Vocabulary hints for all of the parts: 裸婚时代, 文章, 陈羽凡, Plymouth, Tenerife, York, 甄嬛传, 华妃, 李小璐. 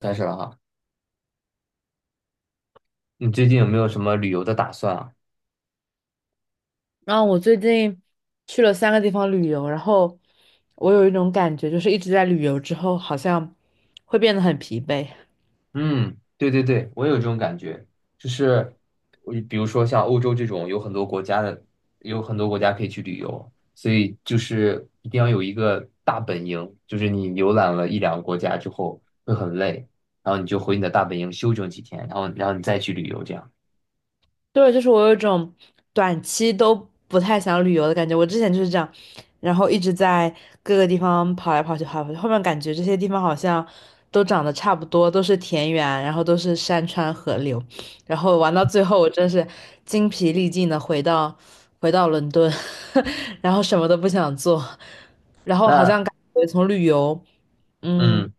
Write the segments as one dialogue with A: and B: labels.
A: 开始了哈，你最近有没有什么旅游的打算啊？
B: 然后我最近去了三个地方旅游，然后我有一种感觉，就是一直在旅游之后，好像会变得很疲惫。
A: 嗯，对对对，我有这种感觉，就是我比如说像欧洲这种有很多国家的，有很多国家可以去旅游，所以就是一定要有一个大本营，就是你游览了一两个国家之后会很累，然后你就回你的大本营休整几天，然后你再去旅游这样。
B: 对，就是我有一种短期都不太想旅游的感觉。我之前就是这样，然后一直在各个地方跑来跑去，跑来跑去。后面感觉这些地方好像都长得差不多，都是田园，然后都是山川河流。然后玩到最后，我真是精疲力尽的回到伦敦，然后什么都不想做，然后好
A: 那
B: 像感觉从旅游，嗯，
A: 嗯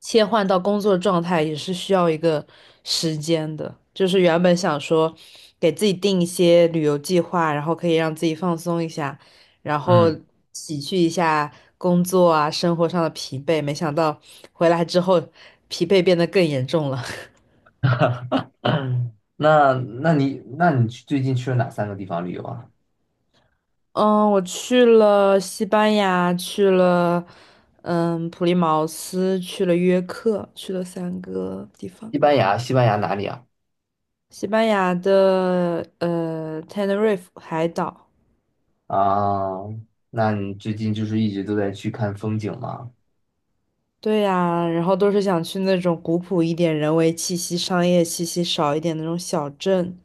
B: 切换到工作状态也是需要一个时间的。就是原本想说给自己定一些旅游计划，然后可以让自己放松一下，然后
A: 嗯，
B: 洗去一下工作啊生活上的疲惫，没想到回来之后疲惫变得更严重了。
A: 那你去最近去了哪三个地方旅游啊？
B: 嗯，我去了西班牙，去了普利茅斯，去了约克，去了三个地方。
A: 西班牙，西班牙哪里啊？
B: 西班牙的Tenerife 海岛，
A: 啊，那你最近就是一直都在去看风景吗？
B: 对呀，然后都是想去那种古朴一点、人文气息、商业气息少一点的那种小镇。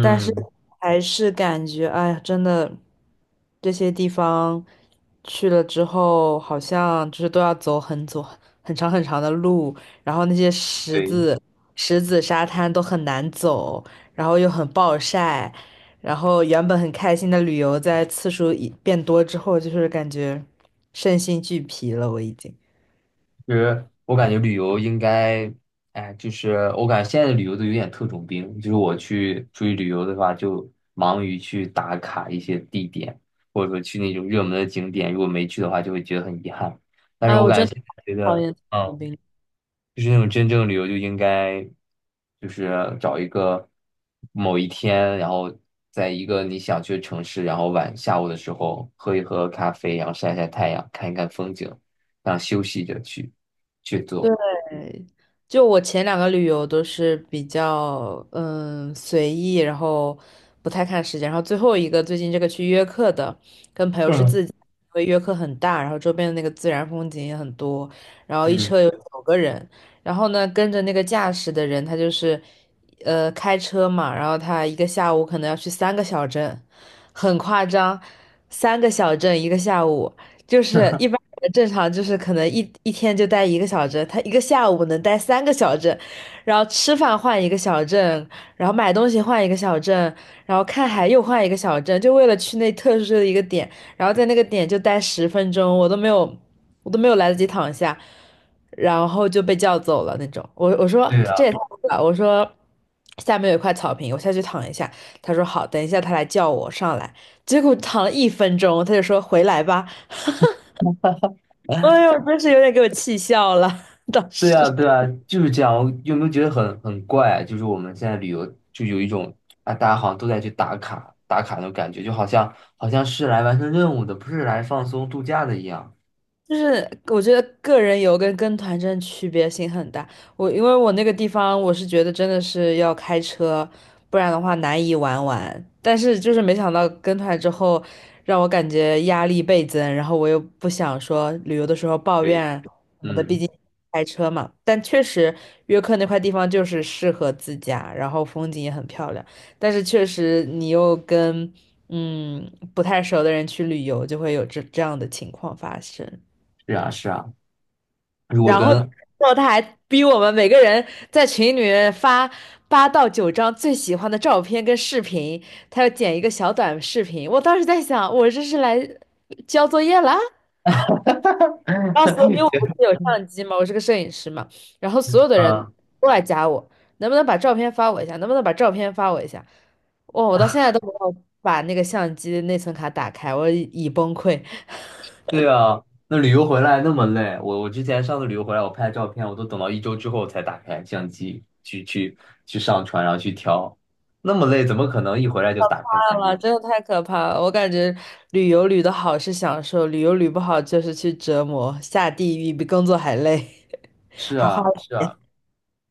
B: 但是还是感觉，哎呀，真的，这些地方去了之后，好像就是都要走很长很长的路，然后那些石
A: 对，
B: 子、石子沙滩都很难走，然后又很暴晒，然后原本很开心的旅游，在次数一变多之后，就是感觉身心俱疲了，我已经。
A: 其实我感觉旅游应该，哎，就是我感觉现在的旅游都有点特种兵，就是我去出去旅游的话，就忙于去打卡一些地点，或者说去那种热门的景点，如果没去的话，就会觉得很遗憾。但是
B: 哎，
A: 我
B: 我
A: 感
B: 真
A: 觉
B: 的
A: 现在觉
B: 讨
A: 得，
B: 厌这种
A: 嗯。
B: 病。
A: 就是那种真正旅游就应该就是找一个某一天，然后在一个你想去的城市，然后晚下午的时候喝一喝咖啡，然后晒晒太阳，看一看风景，这样休息着去做。
B: 就我前两个旅游都是比较随意，然后不太看时间，然后最后一个最近这个去约克的，跟朋友是
A: 嗯，
B: 自己，因为约克很大，然后周边的那个自然风景也很多，然后一
A: 嗯，
B: 车有九个人，然后呢跟着那个驾驶的人，他就是开车嘛，然后他一个下午可能要去三个小镇，很夸张，三个小镇一个下午。就是一般人正常就是可能一天就待一个小镇，他一个下午能待三个小镇，然后吃饭换一个小镇，然后买东西换一个小镇，然后看海又换一个小镇，就为了去那特殊的一个点，然后在那个点就待十分钟，我都没有，我都没有来得及躺下，然后就被叫走了那种。我说
A: 对
B: 这
A: 啊，
B: 也太酷了，我说下面有一块草坪，我下去躺一下。他说好，等一下他来叫我上来。结果躺了一分钟，他就说回来吧。哎呦，真是有点给我气笑了，当
A: 对
B: 时。
A: 啊，对啊，就是这样。我有没有觉得很怪啊？就是我们现在旅游就有一种啊，大家好像都在去打卡打卡那种感觉，就好像好像是来完成任务的，不是来放松度假的一样。
B: 就是我觉得个人游跟跟团真的区别性很大。我因为我那个地方，我是觉得真的是要开车，不然的话难以玩完。但是就是没想到跟团之后，让我感觉压力倍增，然后我又不想说旅游的时候抱
A: 对，
B: 怨什么的，毕
A: 嗯，
B: 竟开车嘛。但确实约克那块地方就是适合自驾，然后风景也很漂亮。但是确实你又跟不太熟的人去旅游，就会有这样的情况发生。
A: 是啊，是啊。如果
B: 然后，
A: 跟
B: 然后他还逼我们每个人在群里面发八到九张最喜欢的照片跟视频，他要剪一个小短视频。我当时在想，我这是来交作业啦。然后所有因为我不是有相机嘛，我是个摄影师嘛，然后所有的
A: 啊，
B: 人都来加我，能不能把照片发我一下？能不能把照片发我一下？哇，我到现在都没有把那个相机内存卡打开，我已崩溃。
A: 对啊，那旅游回来那么累，我之前上次旅游回来，我拍照片，我都等到一周之后才打开相机去上传，然后去挑，那么累，怎么可能一回来就打开
B: 怕
A: 相机？
B: 了真的太可怕了！我感觉旅游旅的好是享受，旅游旅不好就是去折磨，下地狱比工作还累，
A: 是
B: 还花。
A: 啊，是啊，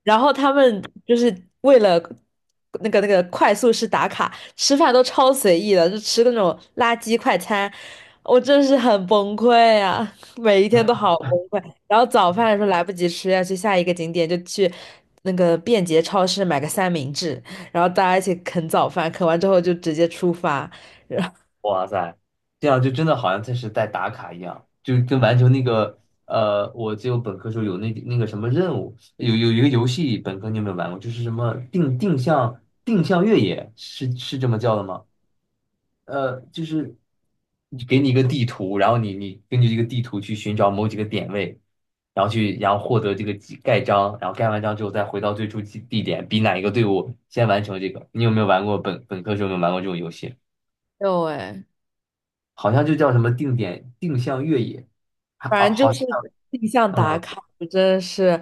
B: 然后他们就是为了那个快速式打卡，吃饭都超随意的，就吃那种垃圾快餐，我真是很崩溃啊！每一天都好崩溃。然后早饭的时候来不及吃，要去下一个景点，就去那个便捷超市买个三明治，然后大家一起啃早饭，啃完之后就直接出发。
A: 哇塞，这样就真的好像才是在打卡一样，就跟完成那个呃，我就本科时候有那个什么任务，有一个游戏，本科你有没有玩过？就是什么定向定向越野，是这么叫的吗？呃，就是给你一个地图，然后你根据这个地图去寻找某几个点位，然后去然后获得这个记盖章，然后盖完章之后再回到最初地点，比哪一个队伍先完成这个。你有没有玩过本科时候有没有玩过这种游戏？
B: 有哎，
A: 好像就叫什么定点定向越野，还啊
B: 反正就
A: 好像
B: 是定向打
A: 嗯，
B: 卡，我真的是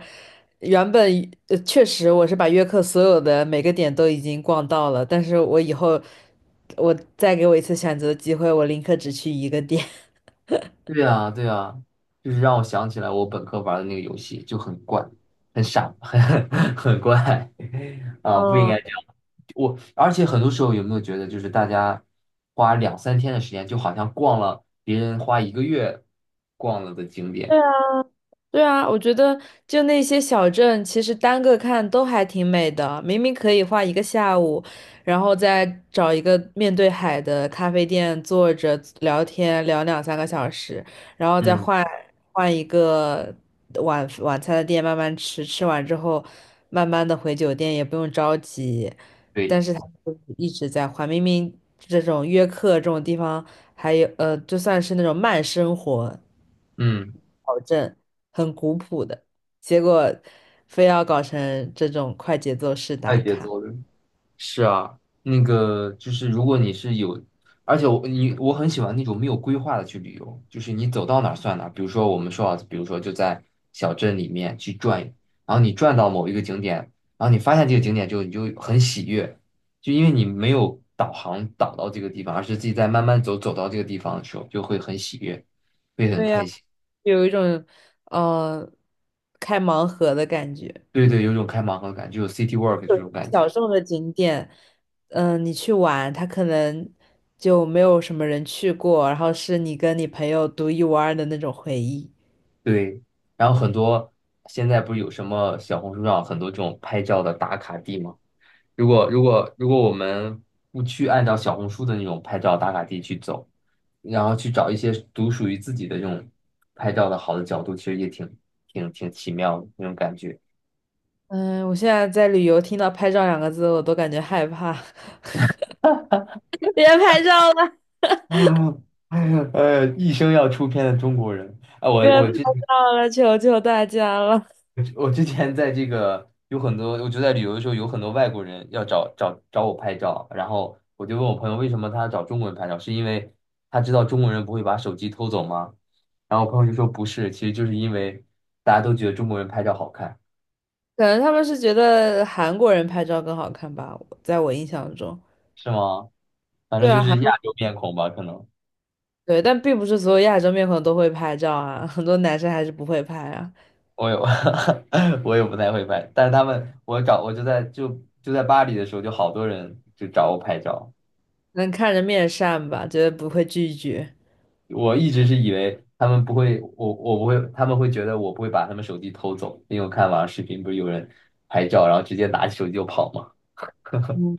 B: 原本确实我是把约克所有的每个点都已经逛到了，但是我以后我再给我一次选择的机会，我宁可只去一个点。
A: 对呀对呀，就是让我想起来我本科玩的那个游戏就很怪，很傻，很很怪 啊，不应
B: 嗯，
A: 该。我而且很多时候有没有觉得，就是大家花两三天的时间，就好像逛了别人花一个月逛了的景点。
B: 对啊，我觉得就那些小镇，其实单个看都还挺美的。明明可以画一个下午，然后再找一个面对海的咖啡店坐着聊天，聊两三个小时，然后再
A: 嗯，
B: 换一个晚餐的店慢慢吃，吃完之后慢慢的回酒店，也不用着急。
A: 对，
B: 但是他就是一直在换，明明这种约克这种地方。还有，就算是那种慢生活
A: 嗯，
B: 保证很古朴的，结果非要搞成这种快节奏式
A: 快
B: 打
A: 节
B: 卡。
A: 奏的。是啊，那个就是如果你是有，而且我很喜欢那种没有规划的去旅游，就是你走到哪儿算哪儿。比如说我们说啊，比如说就在小镇里面去转，然后你转到某一个景点，然后你发现这个景点之后，你就很喜悦，就因为你没有导航导到这个地方，而是自己在慢慢走到这个地方的时候，就会很喜悦，会很
B: 对呀，
A: 开心。
B: 有一种呃开盲盒的感觉。
A: 对对，有种开盲盒感，就有 city walk 这种感觉。
B: 小众的景点，你去玩，它可能就没有什么人去过，然后是你跟你朋友独一无二的那种回忆。
A: 对，然后很多现在不是有什么小红书上很多这种拍照的打卡地吗？如果我们不去按照小红书的那种拍照打卡地去走，然后去找一些独属于自己的这种拍照的好的角度，其实也挺奇妙的那种感觉。
B: 嗯，我现在在旅游，听到"拍照"两个字，我都感觉害怕，别拍照了。
A: 啊，哎呀，哎呀一生要出片的中国人啊！我
B: 别
A: 我
B: 拍
A: 这
B: 照了，求求大家了。
A: 我之前在这个有很多，我就在旅游的时候有很多外国人要找我拍照，然后我就问我朋友为什么他要找中国人拍照，是因为他知道中国人不会把手机偷走吗？然后我朋友就说不是，其实就是因为大家都觉得中国人拍照好看，
B: 可能他们是觉得韩国人拍照更好看吧，在我印象中。
A: 是吗？反正
B: 对
A: 就
B: 啊，韩
A: 是亚
B: 国
A: 洲面孔吧，可能
B: 对，但并不是所有亚洲面孔都会拍照啊，很多男生还是不会拍啊。
A: 我有，我也不太会拍，但是他们我找我就在巴黎的时候，就好多人就找我拍照。
B: 能看着面善吧，觉得不会拒绝。
A: 我一直是以为他们不会，我不会，他们会觉得我不会把他们手机偷走，因为我看网上视频不是有人拍照，然后直接拿起手机就跑嘛。
B: 嗯，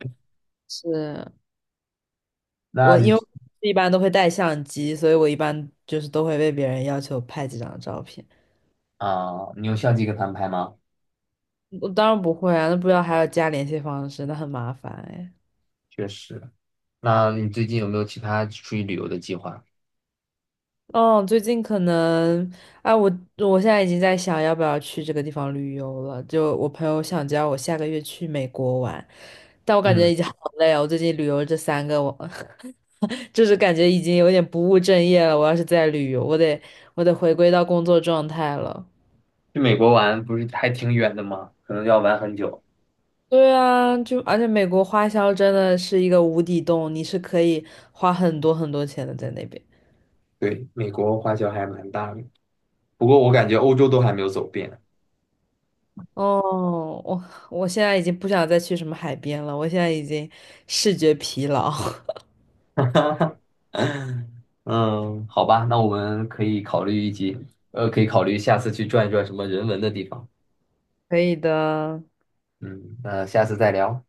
B: 是。
A: 那
B: 我，
A: 你
B: 因为一般都会带相机，所以我一般就是都会被别人要求拍几张照片。
A: 啊，你用相机跟他们拍吗？
B: 我当然不会啊，那不要还要加联系方式，那很麻烦哎。
A: 确实。那你最近有没有其他出去旅游的计划？
B: 哦，最近可能，啊，我现在已经在想要不要去这个地方旅游了。就我朋友想叫我下个月去美国玩，但我感
A: 嗯，
B: 觉已经好 累啊。我最近旅游这三个，我 就是感觉已经有点不务正业了。我要是在旅游，我得回归到工作状态了。
A: 去美国玩不是还挺远的吗？可能要玩很久。
B: 对啊，就而且美国花销真的是一个无底洞，你是可以花很多很多钱的在那边。
A: 对，美国花销还蛮大的，不过我感觉欧洲都还没有走遍。
B: 哦，我现在已经不想再去什么海边了，我现在已经视觉疲劳。
A: 哈哈，嗯，好吧，那我们可以考虑一集，呃，可以考虑下次去转一转什么人文的地方。
B: 可以的。
A: 嗯，那下次再聊。